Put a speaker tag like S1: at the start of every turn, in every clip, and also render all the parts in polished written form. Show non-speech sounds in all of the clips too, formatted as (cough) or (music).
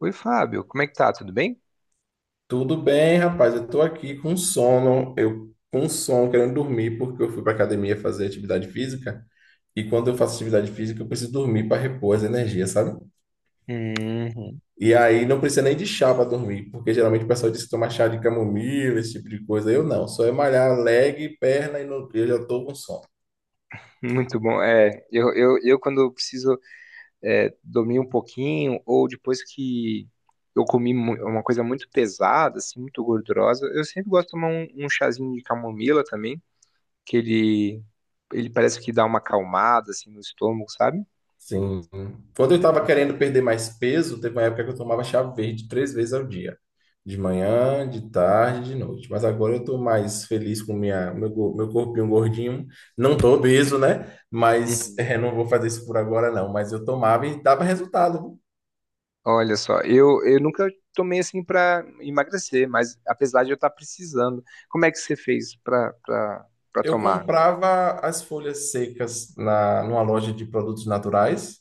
S1: Oi, Fábio, como é que tá? Tudo bem?
S2: Tudo bem, rapaz? Eu tô aqui com sono, eu com sono, querendo dormir, porque eu fui pra academia fazer atividade física. E quando eu faço atividade física, eu preciso dormir para repor as energias, sabe?
S1: Uhum.
S2: E aí não precisa nem de chá para dormir, porque geralmente o pessoal diz que toma chá de camomila, esse tipo de coisa. Eu não, só é malhar leg, perna e eu já tô com sono.
S1: Muito bom. É, eu quando eu preciso dormir um pouquinho, ou depois que eu uma coisa muito pesada, assim, muito gordurosa, eu sempre gosto de tomar um chazinho de camomila também, que ele parece que dá uma acalmada, assim, no estômago, sabe?
S2: Sim. Quando eu estava querendo perder mais peso, teve uma época que eu tomava chá verde 3 vezes ao dia. De manhã, de tarde, de noite. Mas agora eu estou mais feliz com meu corpinho gordinho. Não tô obeso, né? Mas
S1: Uhum.
S2: não vou fazer isso por agora, não. Mas eu tomava e dava resultado.
S1: Olha só, eu nunca tomei assim pra emagrecer, mas apesar de eu estar precisando, como é que você fez pra
S2: Eu
S1: tomar?
S2: comprava as folhas secas numa loja de produtos naturais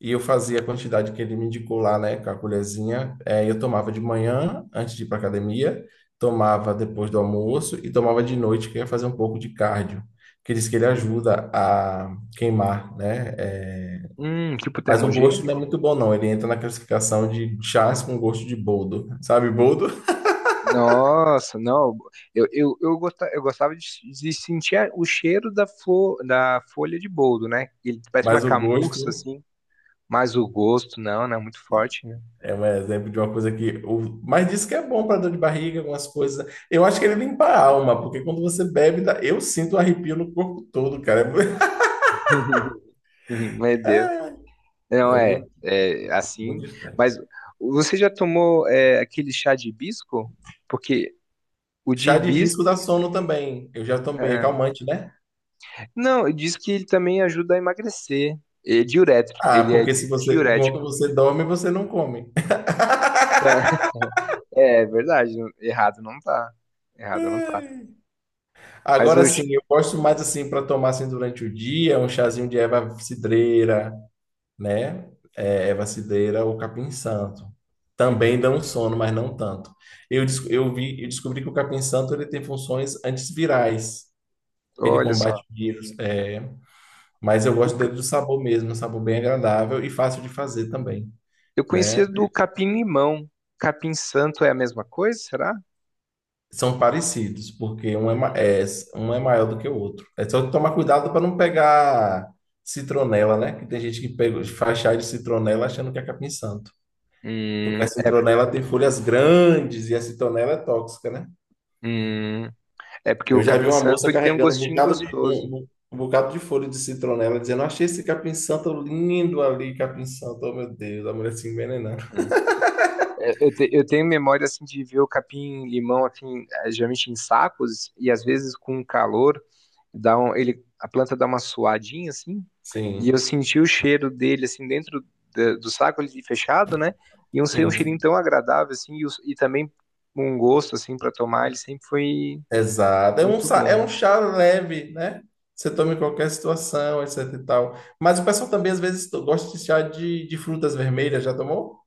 S2: e eu fazia a quantidade que ele me indicou lá, né, com a colherzinha. É, eu tomava de manhã, antes de ir para academia, tomava depois do almoço e tomava de noite, que eu ia fazer um pouco de cardio, que diz que ele ajuda a queimar, né?
S1: Tipo
S2: Mas o gosto não é
S1: termogênico?
S2: muito bom, não. Ele entra na classificação de chás com gosto de boldo, sabe, boldo?
S1: Nossa, não. Eu gostava de sentir o cheiro da folha de boldo, né? Ele parece uma
S2: Mas o
S1: camurça,
S2: gosto.
S1: assim, mas o gosto, não é muito forte, né?
S2: É um exemplo de uma coisa que. Mas diz que é bom para dor de barriga, algumas coisas. Eu acho que ele limpa a alma, porque quando você bebe, eu sinto um arrepio no corpo todo, cara. É (laughs)
S1: (laughs) Meu Deus. Não,
S2: É
S1: é,
S2: muito,
S1: é assim.
S2: muito estranho.
S1: Mas você já tomou aquele chá de hibisco? Porque o de
S2: Chá de
S1: hibisco.
S2: hibisco dá sono também. Eu já tomei, é
S1: É,
S2: calmante, né?
S1: não, diz que ele também ajuda a emagrecer. É diurético,
S2: Ah,
S1: ele é
S2: porque se você, enquanto
S1: diurético.
S2: você dorme, você não come.
S1: (laughs) É verdade, errado não tá. Errado não tá.
S2: (laughs)
S1: Mas
S2: Agora sim,
S1: hoje,
S2: eu gosto mais assim para tomar assim durante o dia, um chazinho de erva cidreira, né? É vacideira ou capim-santo.
S1: uhum,
S2: Também dão sono, mas não tanto. Eu descobri que o capim-santo ele tem funções antivirais. Ele
S1: olha só,
S2: combate vírus, mas eu
S1: o
S2: gosto dele
S1: ca-
S2: do sabor mesmo, um sabor bem agradável e fácil de fazer também,
S1: eu
S2: né?
S1: conhecia do capim-limão. Capim-santo é a mesma coisa, será?
S2: São parecidos, porque
S1: Hum,
S2: um é maior do que o outro. É só tomar cuidado para não pegar citronela, né? Que tem gente que pega, faz chá de citronela achando que é capim-santo. Porque a
S1: hum, é, por-
S2: citronela tem folhas grandes e a citronela é tóxica, né?
S1: hum, é porque
S2: Eu
S1: o
S2: já vi uma
S1: capim-santo
S2: moça
S1: ele tem um
S2: carregando um
S1: gostinho
S2: bocado de,
S1: gostoso.
S2: um, um um bocado de folha de citronela, dizendo: Achei esse capim-santo lindo ali, capim-santo, oh meu Deus, a mulher se envenenando.
S1: Uhum. É, eu tenho memória assim de ver o capim-limão assim, geralmente em sacos e às vezes com calor. A planta dá uma suadinha assim, e eu
S2: Sim,
S1: senti o cheiro dele assim dentro do saco ali fechado, né? E um, ser um cheirinho
S2: sim,
S1: tão agradável assim, e também um gosto assim para tomar, ele sempre foi
S2: exato. É um,
S1: muito
S2: sa- é
S1: bom.
S2: um chá leve, né? Você toma em qualquer situação, etc e tal. Mas o pessoal também, às vezes, gosta de chá de frutas vermelhas, já tomou?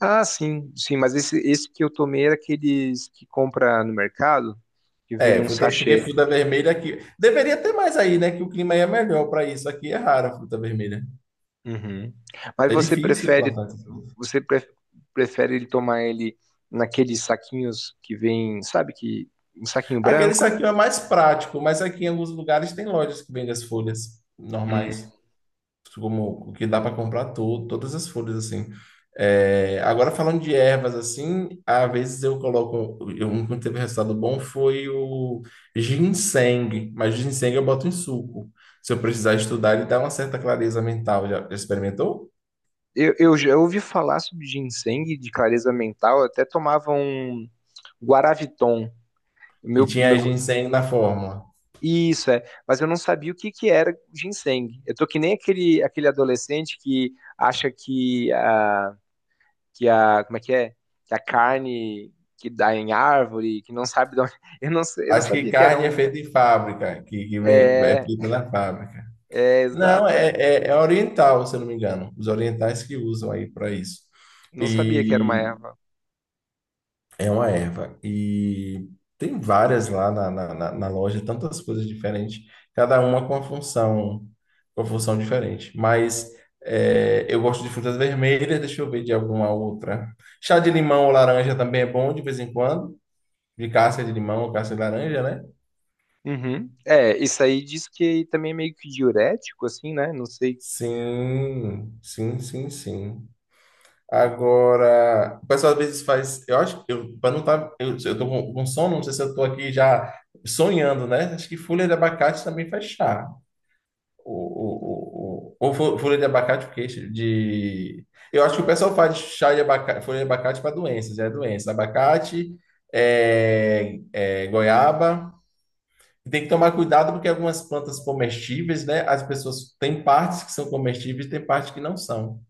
S1: Ah, sim, sim, mas esse que eu tomei era aqueles que compra no mercado, que vem
S2: É,
S1: num
S2: fruta, porque
S1: sachê.
S2: fruta vermelha aqui. Deveria ter mais aí, né? Que o clima aí é melhor para isso. Aqui é rara a fruta vermelha.
S1: Uhum. Mas
S2: É
S1: você
S2: difícil
S1: prefere
S2: plantar essas folhas.
S1: você pre- prefere ele tomar ele naqueles saquinhos que vem, sabe, que um saquinho
S2: Aquele
S1: branco?
S2: saquinho é mais prático, mas aqui em alguns lugares tem lojas que vendem as folhas normais, como o que dá para comprar todas as folhas assim. É, agora falando de ervas assim, às vezes um que teve resultado bom foi o ginseng, mas ginseng eu boto em suco. Se eu precisar estudar, ele dá uma certa clareza mental. Já experimentou?
S1: Eu já ouvi falar sobre ginseng de clareza mental, eu até tomava um Guaraviton.
S2: E
S1: Meu,
S2: tinha
S1: meu,
S2: ginseng na fórmula.
S1: isso é, mas eu não sabia o que que era ginseng. Eu tô que nem aquele adolescente que acha como é? Que a carne que dá em árvore, que não sabe de onde... (laughs) Eu não, eu não
S2: Acho que
S1: sabia que era
S2: carne é
S1: um...
S2: feita em fábrica, que vem, é feita na fábrica.
S1: É,
S2: Não,
S1: exato,
S2: é,
S1: é.
S2: é, é oriental, se eu não me engano. Os orientais que usam aí para isso.
S1: Não sabia que era uma
S2: E
S1: erva.
S2: é uma erva. E tem várias lá na loja, tantas coisas diferentes, cada uma com a função diferente. Mas eu gosto de frutas vermelhas, deixa eu ver de alguma outra. Chá de limão ou laranja também é bom de vez em quando. De casca de limão ou casca de laranja, né?
S1: Uhum. É, isso aí diz que também é meio que diurético, assim, né? Não sei.
S2: Sim, sim, sim, sim. Agora, o pessoal às vezes faz. Eu acho que eu, para não estar. Eu tô com sono, não sei se eu tô aqui já sonhando, né? Acho que folha de abacate também faz chá. Ou, ou folha de abacate, porque de. Eu acho que o pessoal faz chá de abacate, folha de abacate para doenças, é doença. Abacate, goiaba. Tem que tomar cuidado porque algumas plantas comestíveis, né? As pessoas têm partes que são comestíveis, tem partes que não são.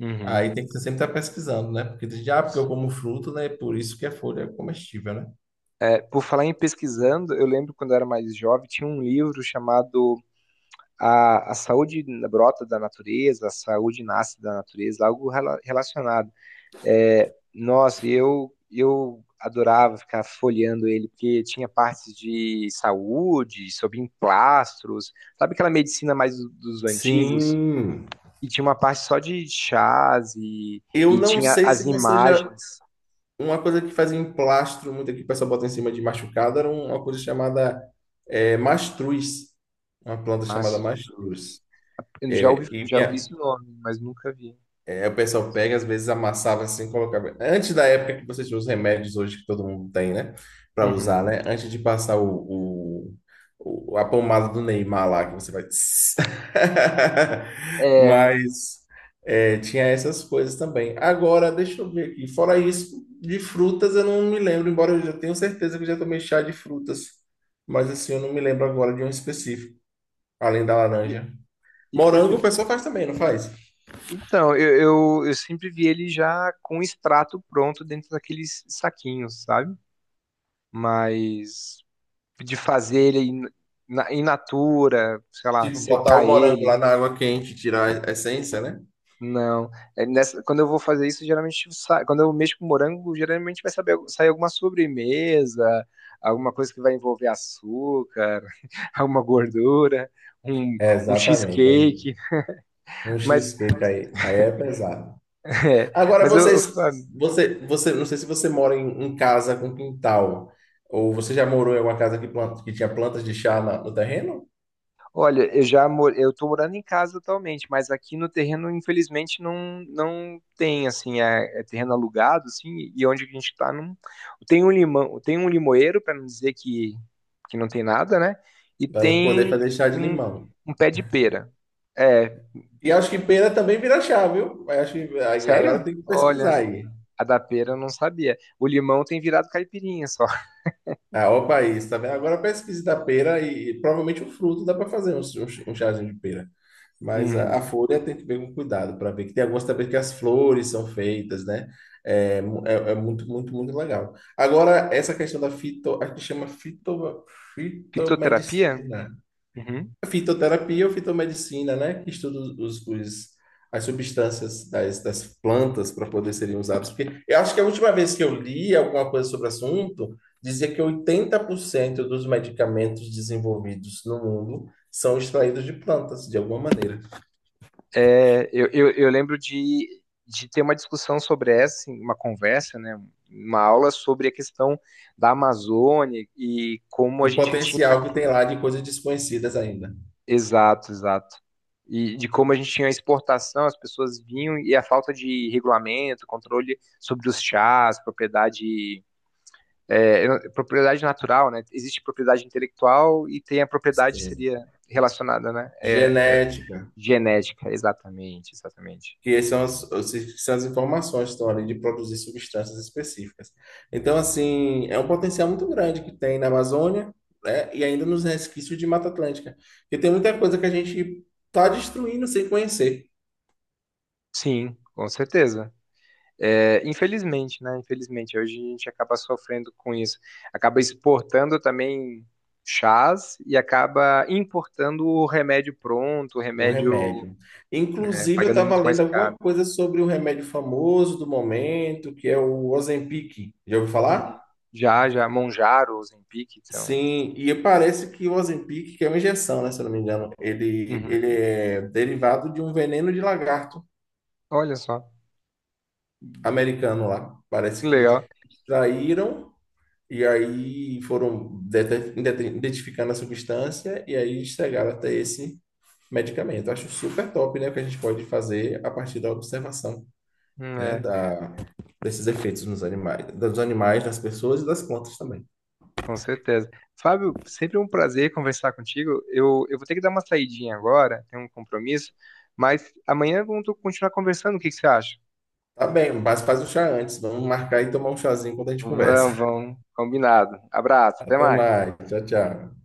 S1: Uhum.
S2: Aí tem que sempre estar pesquisando, né? Porque diz, ah, porque eu como fruto, né? Por isso que a folha é comestível, né?
S1: É, por falar em pesquisando, eu lembro quando eu era mais jovem, tinha um livro chamado A, a Saúde Brota da Natureza, A Saúde Nasce da Natureza, algo relacionado. É, nossa, eu adorava ficar folheando ele, porque tinha partes de saúde, sobre emplastros, sabe, aquela medicina mais dos antigos?
S2: Sim.
S1: E tinha uma parte só de chás
S2: Eu
S1: e
S2: não
S1: tinha
S2: sei
S1: as
S2: se você já.
S1: imagens.
S2: Uma coisa que fazia em plastro, muito aqui que o pessoal bota em cima de machucado, era uma coisa chamada mastruz. Uma planta chamada
S1: Mastros.
S2: mastruz. É, e
S1: Já ouvi
S2: minha,
S1: esse nome, mas nunca vi.
S2: aí o pessoal
S1: Mastros.
S2: pega, às vezes amassava assim, colocava. Antes da época que você tinha os remédios hoje que todo mundo tem, né? Pra usar,
S1: Uhum.
S2: né? Antes de passar a pomada do Neymar lá, que você vai. Tss. (laughs)
S1: É,
S2: Mas tinha essas coisas também. Agora, deixa eu ver aqui. Fora isso, de frutas eu não me lembro, embora eu já tenha certeza que eu já tomei chá de frutas. Mas assim, eu não me lembro agora de um específico, além da
S1: e-
S2: laranja.
S1: e- eu-
S2: Morango o
S1: eu-
S2: pessoal faz também, não faz?
S1: então, eu, eu sempre vi ele já com o extrato pronto dentro daqueles saquinhos, sabe? Mas de fazer in natura, sei lá,
S2: Tipo, botar
S1: secar
S2: o morango
S1: ele.
S2: lá na água quente, tirar a essência, né?
S1: Não. Quando eu vou fazer isso, geralmente sai, quando eu mexo com morango, geralmente sair alguma sobremesa, alguma coisa que vai envolver açúcar, (laughs) alguma gordura, um,
S2: É,
S1: um
S2: exatamente. Aí,
S1: cheesecake.
S2: um
S1: Mas,
S2: cheesecake aí, é pesado.
S1: (laughs) é,
S2: Agora
S1: mas
S2: você, não sei se você mora em casa com quintal, ou você já morou em alguma casa que, planta, que tinha plantas de chá no terreno,
S1: olha, eu tô morando em casa atualmente, mas aqui no terreno, infelizmente, não, não tem, assim, é, é terreno alugado, assim, e onde a gente tá, não... tem um limão, tem um limoeiro, para não dizer que não tem nada, né? E
S2: para poder
S1: tem
S2: fazer chá de
S1: um,
S2: limão.
S1: um pé de pera. É,
S2: E acho que pera também vira chá, viu? Mas acho que aí agora
S1: sério?
S2: tem que
S1: Olha,
S2: pesquisar aí.
S1: a da pera eu não sabia. O limão tem virado caipirinha só.
S2: Ah, ó, o país, tá vendo? Agora a pesquisa da pera e provavelmente o fruto dá para fazer um chazinho de pera. Mas a
S1: Uhum.
S2: folha tem que ver com cuidado para ver que tem algumas também que as flores são feitas, né? É muito, muito, muito legal. Agora, essa questão da fito, a gente chama fito,
S1: Fitoterapia?
S2: fitomedicina,
S1: Uhum.
S2: fitoterapia ou fitomedicina, né? Que estuda as substâncias das plantas para poder serem usadas. Porque eu acho que a última vez que eu li alguma coisa sobre o assunto, dizia que 80% dos medicamentos desenvolvidos no mundo são extraídos de plantas, de alguma maneira.
S1: É, eu lembro de ter uma discussão sobre essa, assim, uma conversa, né, uma aula sobre a questão da Amazônia e como a
S2: Do
S1: gente tinha.
S2: potencial que tem lá de coisas desconhecidas ainda.
S1: Exato, exato. E de como a gente tinha exportação, as pessoas vinham e a falta de regulamento, controle sobre os chás, propriedade. É, eu não- propriedade natural, né? Existe propriedade intelectual e tem a propriedade que
S2: Sim.
S1: seria relacionada, né? É,
S2: Genética.
S1: genética, exatamente, exatamente.
S2: Que são as informações que estão ali de produzir substâncias específicas. Então, assim, é um potencial muito grande que tem na Amazônia, né, e ainda nos resquícios de Mata Atlântica, porque tem muita coisa que a gente está destruindo sem conhecer.
S1: Sim, com certeza. É, infelizmente, né? Infelizmente, hoje a gente acaba sofrendo com isso. Acaba exportando também chás e acaba importando o remédio pronto, o
S2: O
S1: remédio
S2: remédio.
S1: é,
S2: Inclusive, eu
S1: pagando
S2: estava
S1: muito mais
S2: lendo alguma
S1: caro.
S2: coisa sobre o remédio famoso do momento, que é o Ozempic. Já ouviu falar?
S1: Uhum. Já, já, Monjaro, Ozempic, então.
S2: Sim, e parece que o Ozempic, que é uma injeção, né, se eu não me engano, ele
S1: Uhum.
S2: é derivado de um veneno de lagarto
S1: Olha só,
S2: americano lá. Parece
S1: que
S2: que
S1: legal.
S2: extraíram e aí foram identificando a substância e aí chegaram até esse medicamento. Acho super top, né, o que a gente pode fazer a partir da observação, né,
S1: É,
S2: desses efeitos nos animais, dos animais, das pessoas e das plantas também.
S1: com certeza. Fábio, sempre um prazer conversar contigo. Eu vou ter que dar uma saidinha agora, tenho um compromisso, mas amanhã vamos continuar conversando. O que que você acha?
S2: Tá bem, mas faz o chá antes. Vamos marcar e tomar um chazinho quando a gente
S1: Vamos,
S2: conversa.
S1: vamos. Combinado.
S2: (laughs)
S1: Abraço, até
S2: Até
S1: mais.
S2: mais. Tchau, tchau.